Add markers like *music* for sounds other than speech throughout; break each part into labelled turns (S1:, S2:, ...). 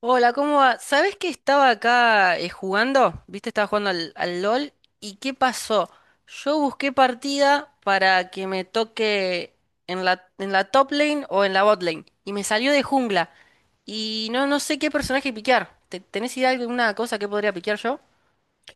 S1: Hola, ¿cómo va? ¿Sabés que estaba acá jugando? ¿Viste? Estaba jugando al LOL. ¿Y qué pasó? Yo busqué partida para que me toque en la top lane o en la bot lane. Y me salió de jungla. Y no sé qué personaje piquear. ¿Tenés idea de alguna cosa que podría piquear yo?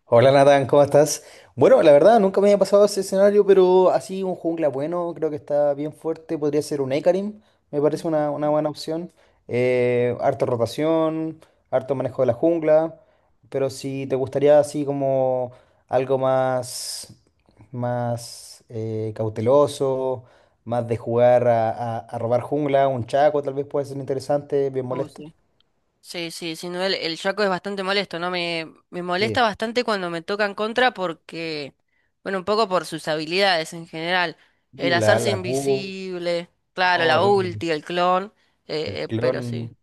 S2: Hola Nathan, ¿cómo estás? Bueno, la verdad nunca me había pasado ese escenario, pero así un jungla bueno, creo que está bien fuerte. Podría ser un Ekarim, me parece una buena opción. Harta rotación, harto manejo de la jungla, pero si te gustaría así como algo más, más cauteloso, más de jugar a robar jungla, un Chaco tal vez puede ser interesante, bien molesto.
S1: Sí, sí, sin duda el Shaco es bastante molesto, ¿no? Me molesta
S2: Sí.
S1: bastante cuando me tocan contra porque, bueno, un poco por sus habilidades en general. El
S2: Y la,
S1: hacerse
S2: la Q,
S1: invisible,
S2: oh,
S1: claro, la
S2: horrible.
S1: ulti, el clon,
S2: El
S1: pero sí.
S2: clon.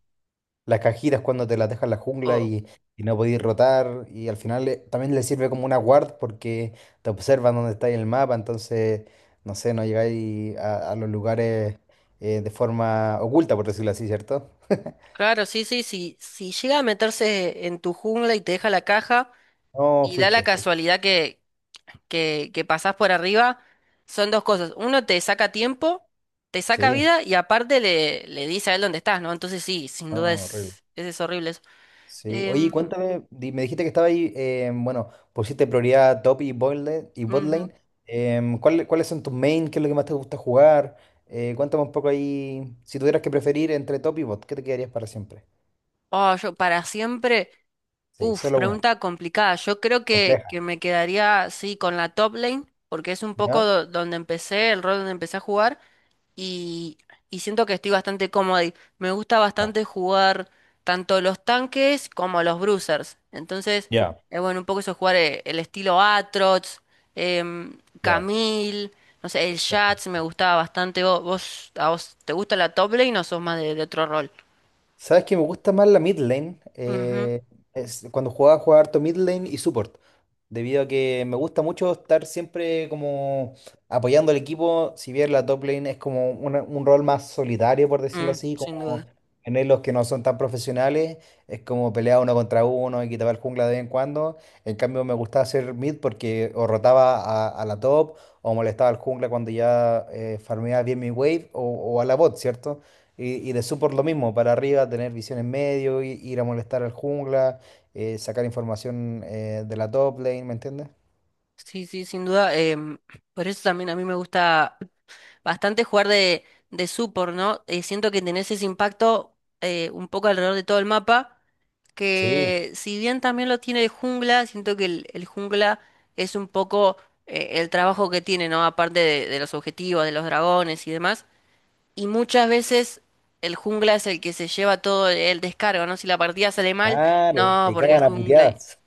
S2: Las cajitas cuando te las deja en la jungla
S1: Oh,
S2: y no podéis rotar. Y al final también le sirve como una guard porque te observan dónde está en el mapa. Entonces, no sé, no llegáis a los lugares de forma oculta, por decirlo así, ¿cierto? *laughs*
S1: claro, sí, sí, sí. Si llega a meterse en tu jungla y te deja la caja
S2: No,
S1: y da la
S2: fuiste.
S1: casualidad que pasás por arriba son dos cosas. Uno te saca tiempo, te saca
S2: Sí,
S1: vida y aparte le dice a él dónde estás, ¿no? Entonces sí, sin duda
S2: no, horrible.
S1: es horrible eso.
S2: Sí, oye,
S1: Em,
S2: cuéntame, me dijiste que estaba ahí, bueno, pusiste prioridad a top y bot lane, y bot
S1: ujú.
S2: lane. ¿ ¿Cuáles son tus main? ¿Qué es lo que más te gusta jugar? Cuéntame un poco ahí, si tuvieras que preferir entre top y bot, ¿qué te quedarías para siempre?
S1: Oh, yo para siempre,
S2: Sí,
S1: uf,
S2: solo una,
S1: pregunta complicada. Yo creo
S2: compleja,
S1: que me quedaría, sí, con la top lane, porque es un poco
S2: ¿ya?
S1: donde empecé, el rol donde empecé a jugar. Y, y siento que estoy bastante cómoda y me gusta
S2: Ya,
S1: bastante jugar tanto los tanques como los bruisers. Entonces,
S2: ya,
S1: bueno, un poco eso jugar el estilo Atrox,
S2: ya.
S1: Camille, no sé, el Jax me gustaba bastante. ¿ A vos te gusta la top lane o sos más de otro rol?
S2: ¿Sabes que me gusta más la mid lane?
S1: Ujú,
S2: Es, cuando jugaba harto mid lane y support. Debido a que me gusta mucho estar siempre como apoyando al equipo, si bien la top lane es como un rol más solitario, por decirlo
S1: mm,
S2: así,
S1: sin duda.
S2: como en los que no son tan profesionales, es como pelear uno contra uno y quitar el jungla de vez en cuando. En cambio, me gustaba hacer mid porque o rotaba a la top o molestaba al jungla cuando ya farmeaba bien mi wave o a la bot, ¿cierto? Y de support lo mismo, para arriba, tener visión en medio, ir a molestar al jungla, sacar información de la top lane, ¿me entiendes?
S1: Sí, sí, sin duda. Por eso también a mí me gusta bastante jugar de support, ¿no? Siento que tenés ese impacto un poco alrededor de todo el mapa.
S2: Sí,
S1: Que si bien también lo tiene el jungla, siento que el jungla es un poco el trabajo que tiene, ¿no? Aparte de los objetivos, de los dragones y demás. Y muchas veces el jungla es el que se lleva todo el descargo, ¿no? Si la partida sale mal,
S2: claro,
S1: no,
S2: te
S1: porque el
S2: cagan a
S1: jungla...
S2: puteadas.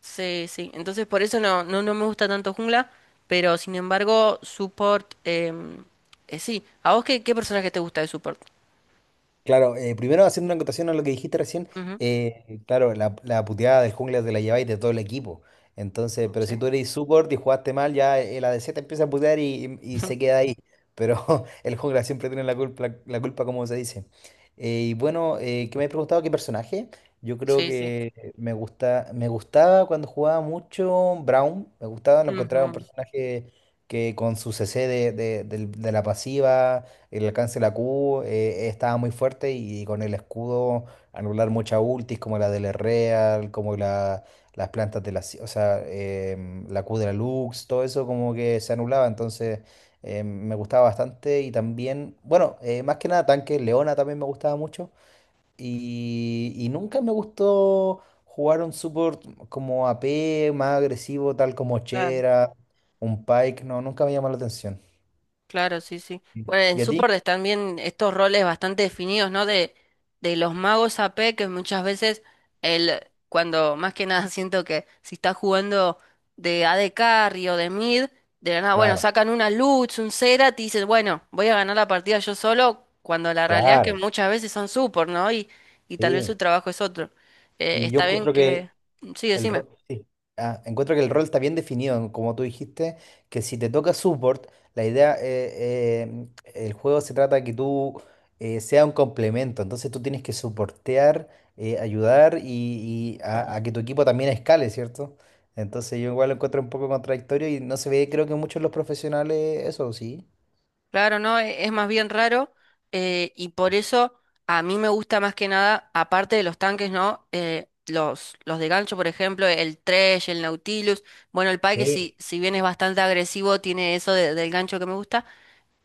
S1: Sí, sí. Entonces por eso no me gusta tanto jungla, pero sin embargo, support... sí, ¿a vos qué personaje te gusta de support?
S2: Claro, primero haciendo una acotación a lo que dijiste recién,
S1: Ujú.
S2: claro, la puteada del jungla te la lleváis de todo el equipo. Entonces, pero si tú
S1: Sí.
S2: eres support y jugaste mal, ya el ADC te empieza a putear y se
S1: *laughs*
S2: queda ahí. Pero *laughs* el jungla siempre tiene la, culpa, como se dice. Y bueno, ¿qué me has preguntado? ¿Qué personaje? Yo creo
S1: Sí, sí.
S2: que me gustaba cuando jugaba mucho Brown, me gustaba, lo encontraba un
S1: Ujú,
S2: personaje que con su CC de la pasiva el alcance de la Q estaba muy fuerte y con el escudo anular muchas ultis como la del Real, como la, las plantas de la, o sea, la Q de la Lux, todo eso como que se anulaba, entonces me gustaba bastante y también, bueno, más que nada tanque, Leona también me gustaba mucho y nunca me gustó jugar un support como AP, más agresivo, tal como
S1: claro.
S2: Chera, un Pike, no, nunca me llamó la atención.
S1: Claro, sí, sí. Bueno, en
S2: ¿Y a ti?
S1: Sword están bien estos roles bastante definidos, ¿no? De los magos a AP, que muchas veces el, cuando más que nada *laughs* siento que si estás jugando de AD Carry o de mid, de la nada, bueno,
S2: Claro,
S1: sacan una Lutz, un Serat y dices, bueno, voy a ganar la partida yo solo, cuando la realidad es que
S2: claro.
S1: muchas veces son support, ¿no? Y tal vez su
S2: Sí,
S1: trabajo es otro.
S2: y yo
S1: Está bien
S2: encuentro que
S1: que... Sí,
S2: el
S1: decime.
S2: rol, encuentro que el rol está bien definido, como tú dijiste, que si te toca support, la idea, el juego se trata de que tú sea un complemento, entonces tú tienes que soportear, ayudar y a que tu equipo también escale, ¿cierto? Entonces yo igual lo encuentro un poco contradictorio y no se ve, creo que muchos de los profesionales, eso sí.
S1: Claro, no, es más bien raro y por eso a mí me gusta más que nada, aparte de los tanques, ¿no? Los de gancho, por ejemplo, el Thresh, el Nautilus, bueno, el Pike,
S2: Sí,
S1: si, si bien es bastante agresivo, tiene eso del gancho que me gusta,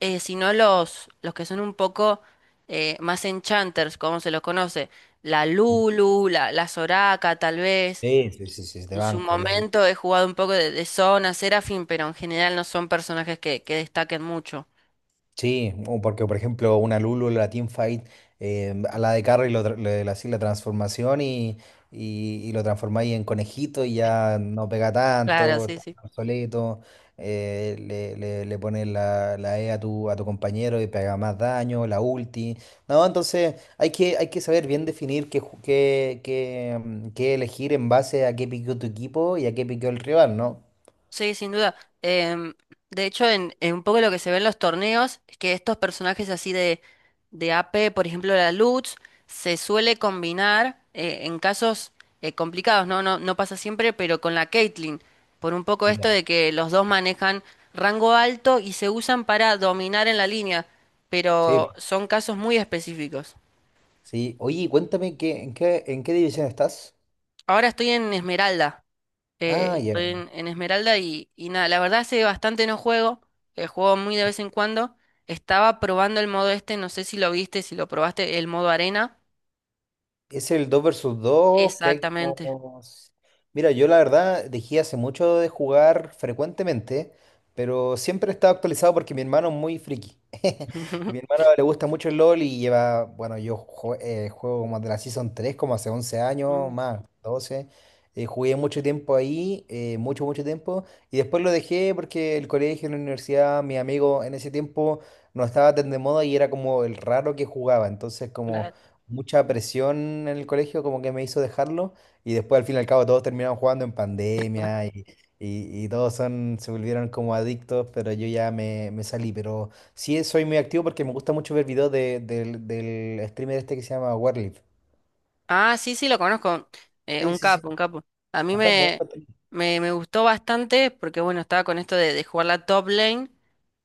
S1: sino los que son un poco más enchanters, como se los conoce, la Lulu, la Soraka, tal vez.
S2: sí, sí, sí, sí, de
S1: En su
S2: banco.
S1: momento he jugado un poco de Zona, Seraphine, pero en general no son personajes que destaquen mucho.
S2: Sí, o porque por ejemplo una Lulu, la Teamfight, a la de Carry lo le hacís la transformación y lo transformáis en conejito y ya no pega
S1: Claro,
S2: tanto,
S1: sí,
S2: está
S1: sí.
S2: obsoleto, le pones la E a a tu compañero y pega más daño, la ulti. No, entonces hay que saber bien definir qué qué elegir en base a qué piqueó tu equipo y a qué piqueó el rival, ¿no?
S1: Sí, sin duda. Em, de hecho, en un poco lo que se ve en los torneos es que estos personajes así de AP, por ejemplo la Lutz, se suele combinar en casos complicados, ¿no? No, no pasa siempre, pero con la Caitlyn, por un poco esto
S2: Ya,
S1: de que los dos manejan rango alto y se usan para dominar en la línea,
S2: sí,
S1: pero son casos muy específicos.
S2: sí. Oye, cuéntame, ¿ en qué división estás?
S1: Ahora estoy en Esmeralda.
S2: Ah, ya,
S1: Estoy
S2: ya.
S1: en Esmeralda y nada, la verdad hace bastante no juego, juego muy de vez en cuando. Estaba probando el modo este, no sé si lo viste, si lo probaste, el modo arena.
S2: Es el 2 versus 2 que hay
S1: Exactamente.
S2: como... Mira, yo la verdad dejé hace mucho de jugar frecuentemente, pero siempre he estado actualizado porque mi hermano es muy friki. *laughs* Mi
S1: *laughs*
S2: hermano le gusta mucho el LOL y lleva, bueno, juego como de la Season 3 como hace 11 años,
S1: Mm,
S2: más, 12. Jugué mucho tiempo ahí, mucho tiempo, y después lo dejé porque el colegio, la universidad, mi amigo en ese tiempo no estaba tan de moda y era como el raro que jugaba, entonces como...
S1: claro.
S2: mucha presión en el colegio como que me hizo dejarlo y después al fin y al cabo todos terminaron jugando en pandemia y, y todos son, se volvieron como adictos, pero yo ya me salí, pero sí soy muy activo porque me gusta mucho ver videos del streamer este que se llama Warlift.
S1: Ah, sí, sí, lo conozco.
S2: Sí,
S1: Un
S2: sí, sí.
S1: capo, un capo. A mí
S2: Un capo, un
S1: me,
S2: capo.
S1: me, me gustó bastante porque, bueno, estaba con esto de jugar la top lane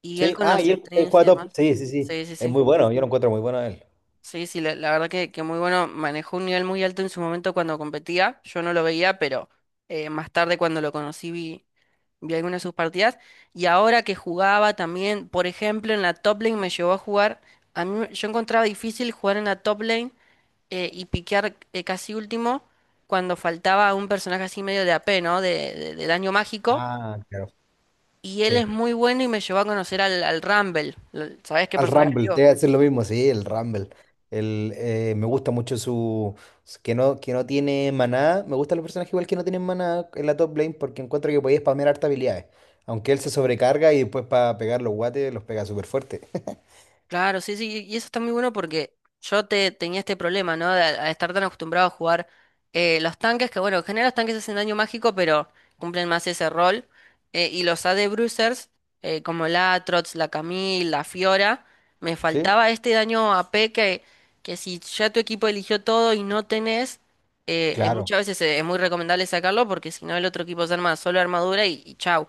S1: y él
S2: Sí,
S1: con
S2: ah,
S1: los
S2: y él
S1: streams y
S2: juega top.
S1: demás.
S2: Sí, sí, sí.
S1: Sí, sí,
S2: Es
S1: sí.
S2: muy bueno, yo lo encuentro muy bueno a él.
S1: Sí, sí, la verdad que muy bueno. Manejó un nivel muy alto en su momento cuando competía. Yo no lo veía, pero más tarde cuando lo conocí vi algunas de sus partidas. Y ahora que jugaba también, por ejemplo, en la top lane me llevó a jugar. Yo encontraba difícil jugar en la top lane y piquear casi último cuando faltaba un personaje así medio de AP, ¿no? De daño mágico.
S2: Ah, claro.
S1: Y él es
S2: Sí.
S1: muy bueno y me llevó a conocer al Rumble. ¿Sabés qué
S2: Al
S1: personaje
S2: Rumble, te
S1: digo?
S2: voy a decir lo mismo, sí, el Rumble. El, me gusta mucho su, que no tiene maná. Me gustan los personajes igual que no tienen maná en la top lane porque encuentro que podía spamear harta habilidades. Aunque él se sobrecarga y después para pegar los guates los pega súper fuerte. *laughs*
S1: Claro, sí, sí, y eso está muy bueno porque yo tenía este problema, ¿no? De, a estar tan acostumbrado a jugar los tanques, que bueno, en general los tanques hacen daño mágico, pero cumplen más ese rol. Eh, y los AD. Bruisers, como la Trots, la Camille, la Fiora, me
S2: ¿Sí?
S1: faltaba este daño AP que si ya tu equipo eligió todo y no tenés,
S2: Claro.
S1: muchas veces es muy recomendable sacarlo porque si no el otro equipo se arma solo armadura y chau.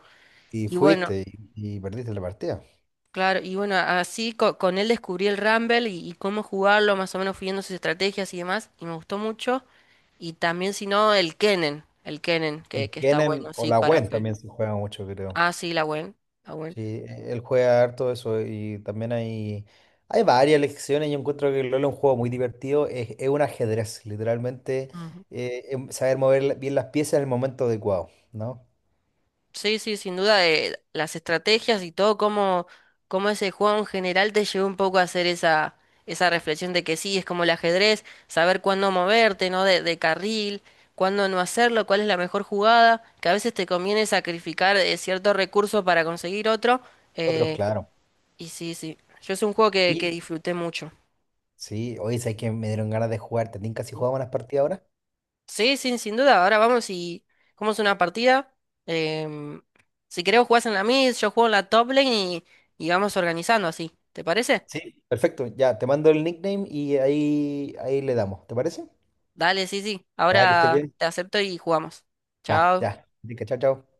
S2: Y
S1: Y bueno,
S2: fuiste y perdiste la partida.
S1: claro, y bueno, así él descubrí el Rumble y cómo jugarlo, más o menos fui viendo sus estrategias y demás, y me gustó mucho. Y también, si no, el Kennen,
S2: El
S1: que está bueno,
S2: Kennen o
S1: sí,
S2: la
S1: para...
S2: Gwen también se juega mucho, creo.
S1: Ah, sí, la Gwen, la Gwen.
S2: Sí, él juega harto eso y también hay varias lecciones. Yo encuentro que el LoL es un juego muy divertido. Es un ajedrez, literalmente. Saber mover bien las piezas en el momento adecuado, ¿no?
S1: Sí, sí, sin duda, las estrategias y todo, cómo, cómo ese juego en general te llevó un poco a hacer esa reflexión de que sí, es como el ajedrez, saber cuándo moverte, ¿no? De carril, cuándo no hacerlo, cuál es la mejor jugada, que a veces te conviene sacrificar cierto recurso para conseguir otro.
S2: Otros,
S1: Eh,
S2: claro.
S1: y sí, sí, yo es un juego que
S2: Y
S1: disfruté mucho.
S2: sí, hoy sabes que me dieron ganas de jugar. ¿Te tinca si jugamos unas partidas ahora?
S1: Sí, sin duda. Ahora vamos y es una partida. Em, si querés jugás en la mid, yo juego en la top lane y vamos organizando así. ¿Te parece?
S2: Sí. Perfecto, ya, te mando el nickname y ahí, ahí le damos. ¿Te parece?
S1: Dale, sí, sí.
S2: Ya, que estés
S1: Ahora
S2: bien.
S1: te acepto y jugamos.
S2: Ya, ya.
S1: Chao.
S2: Tinca, chao, chao.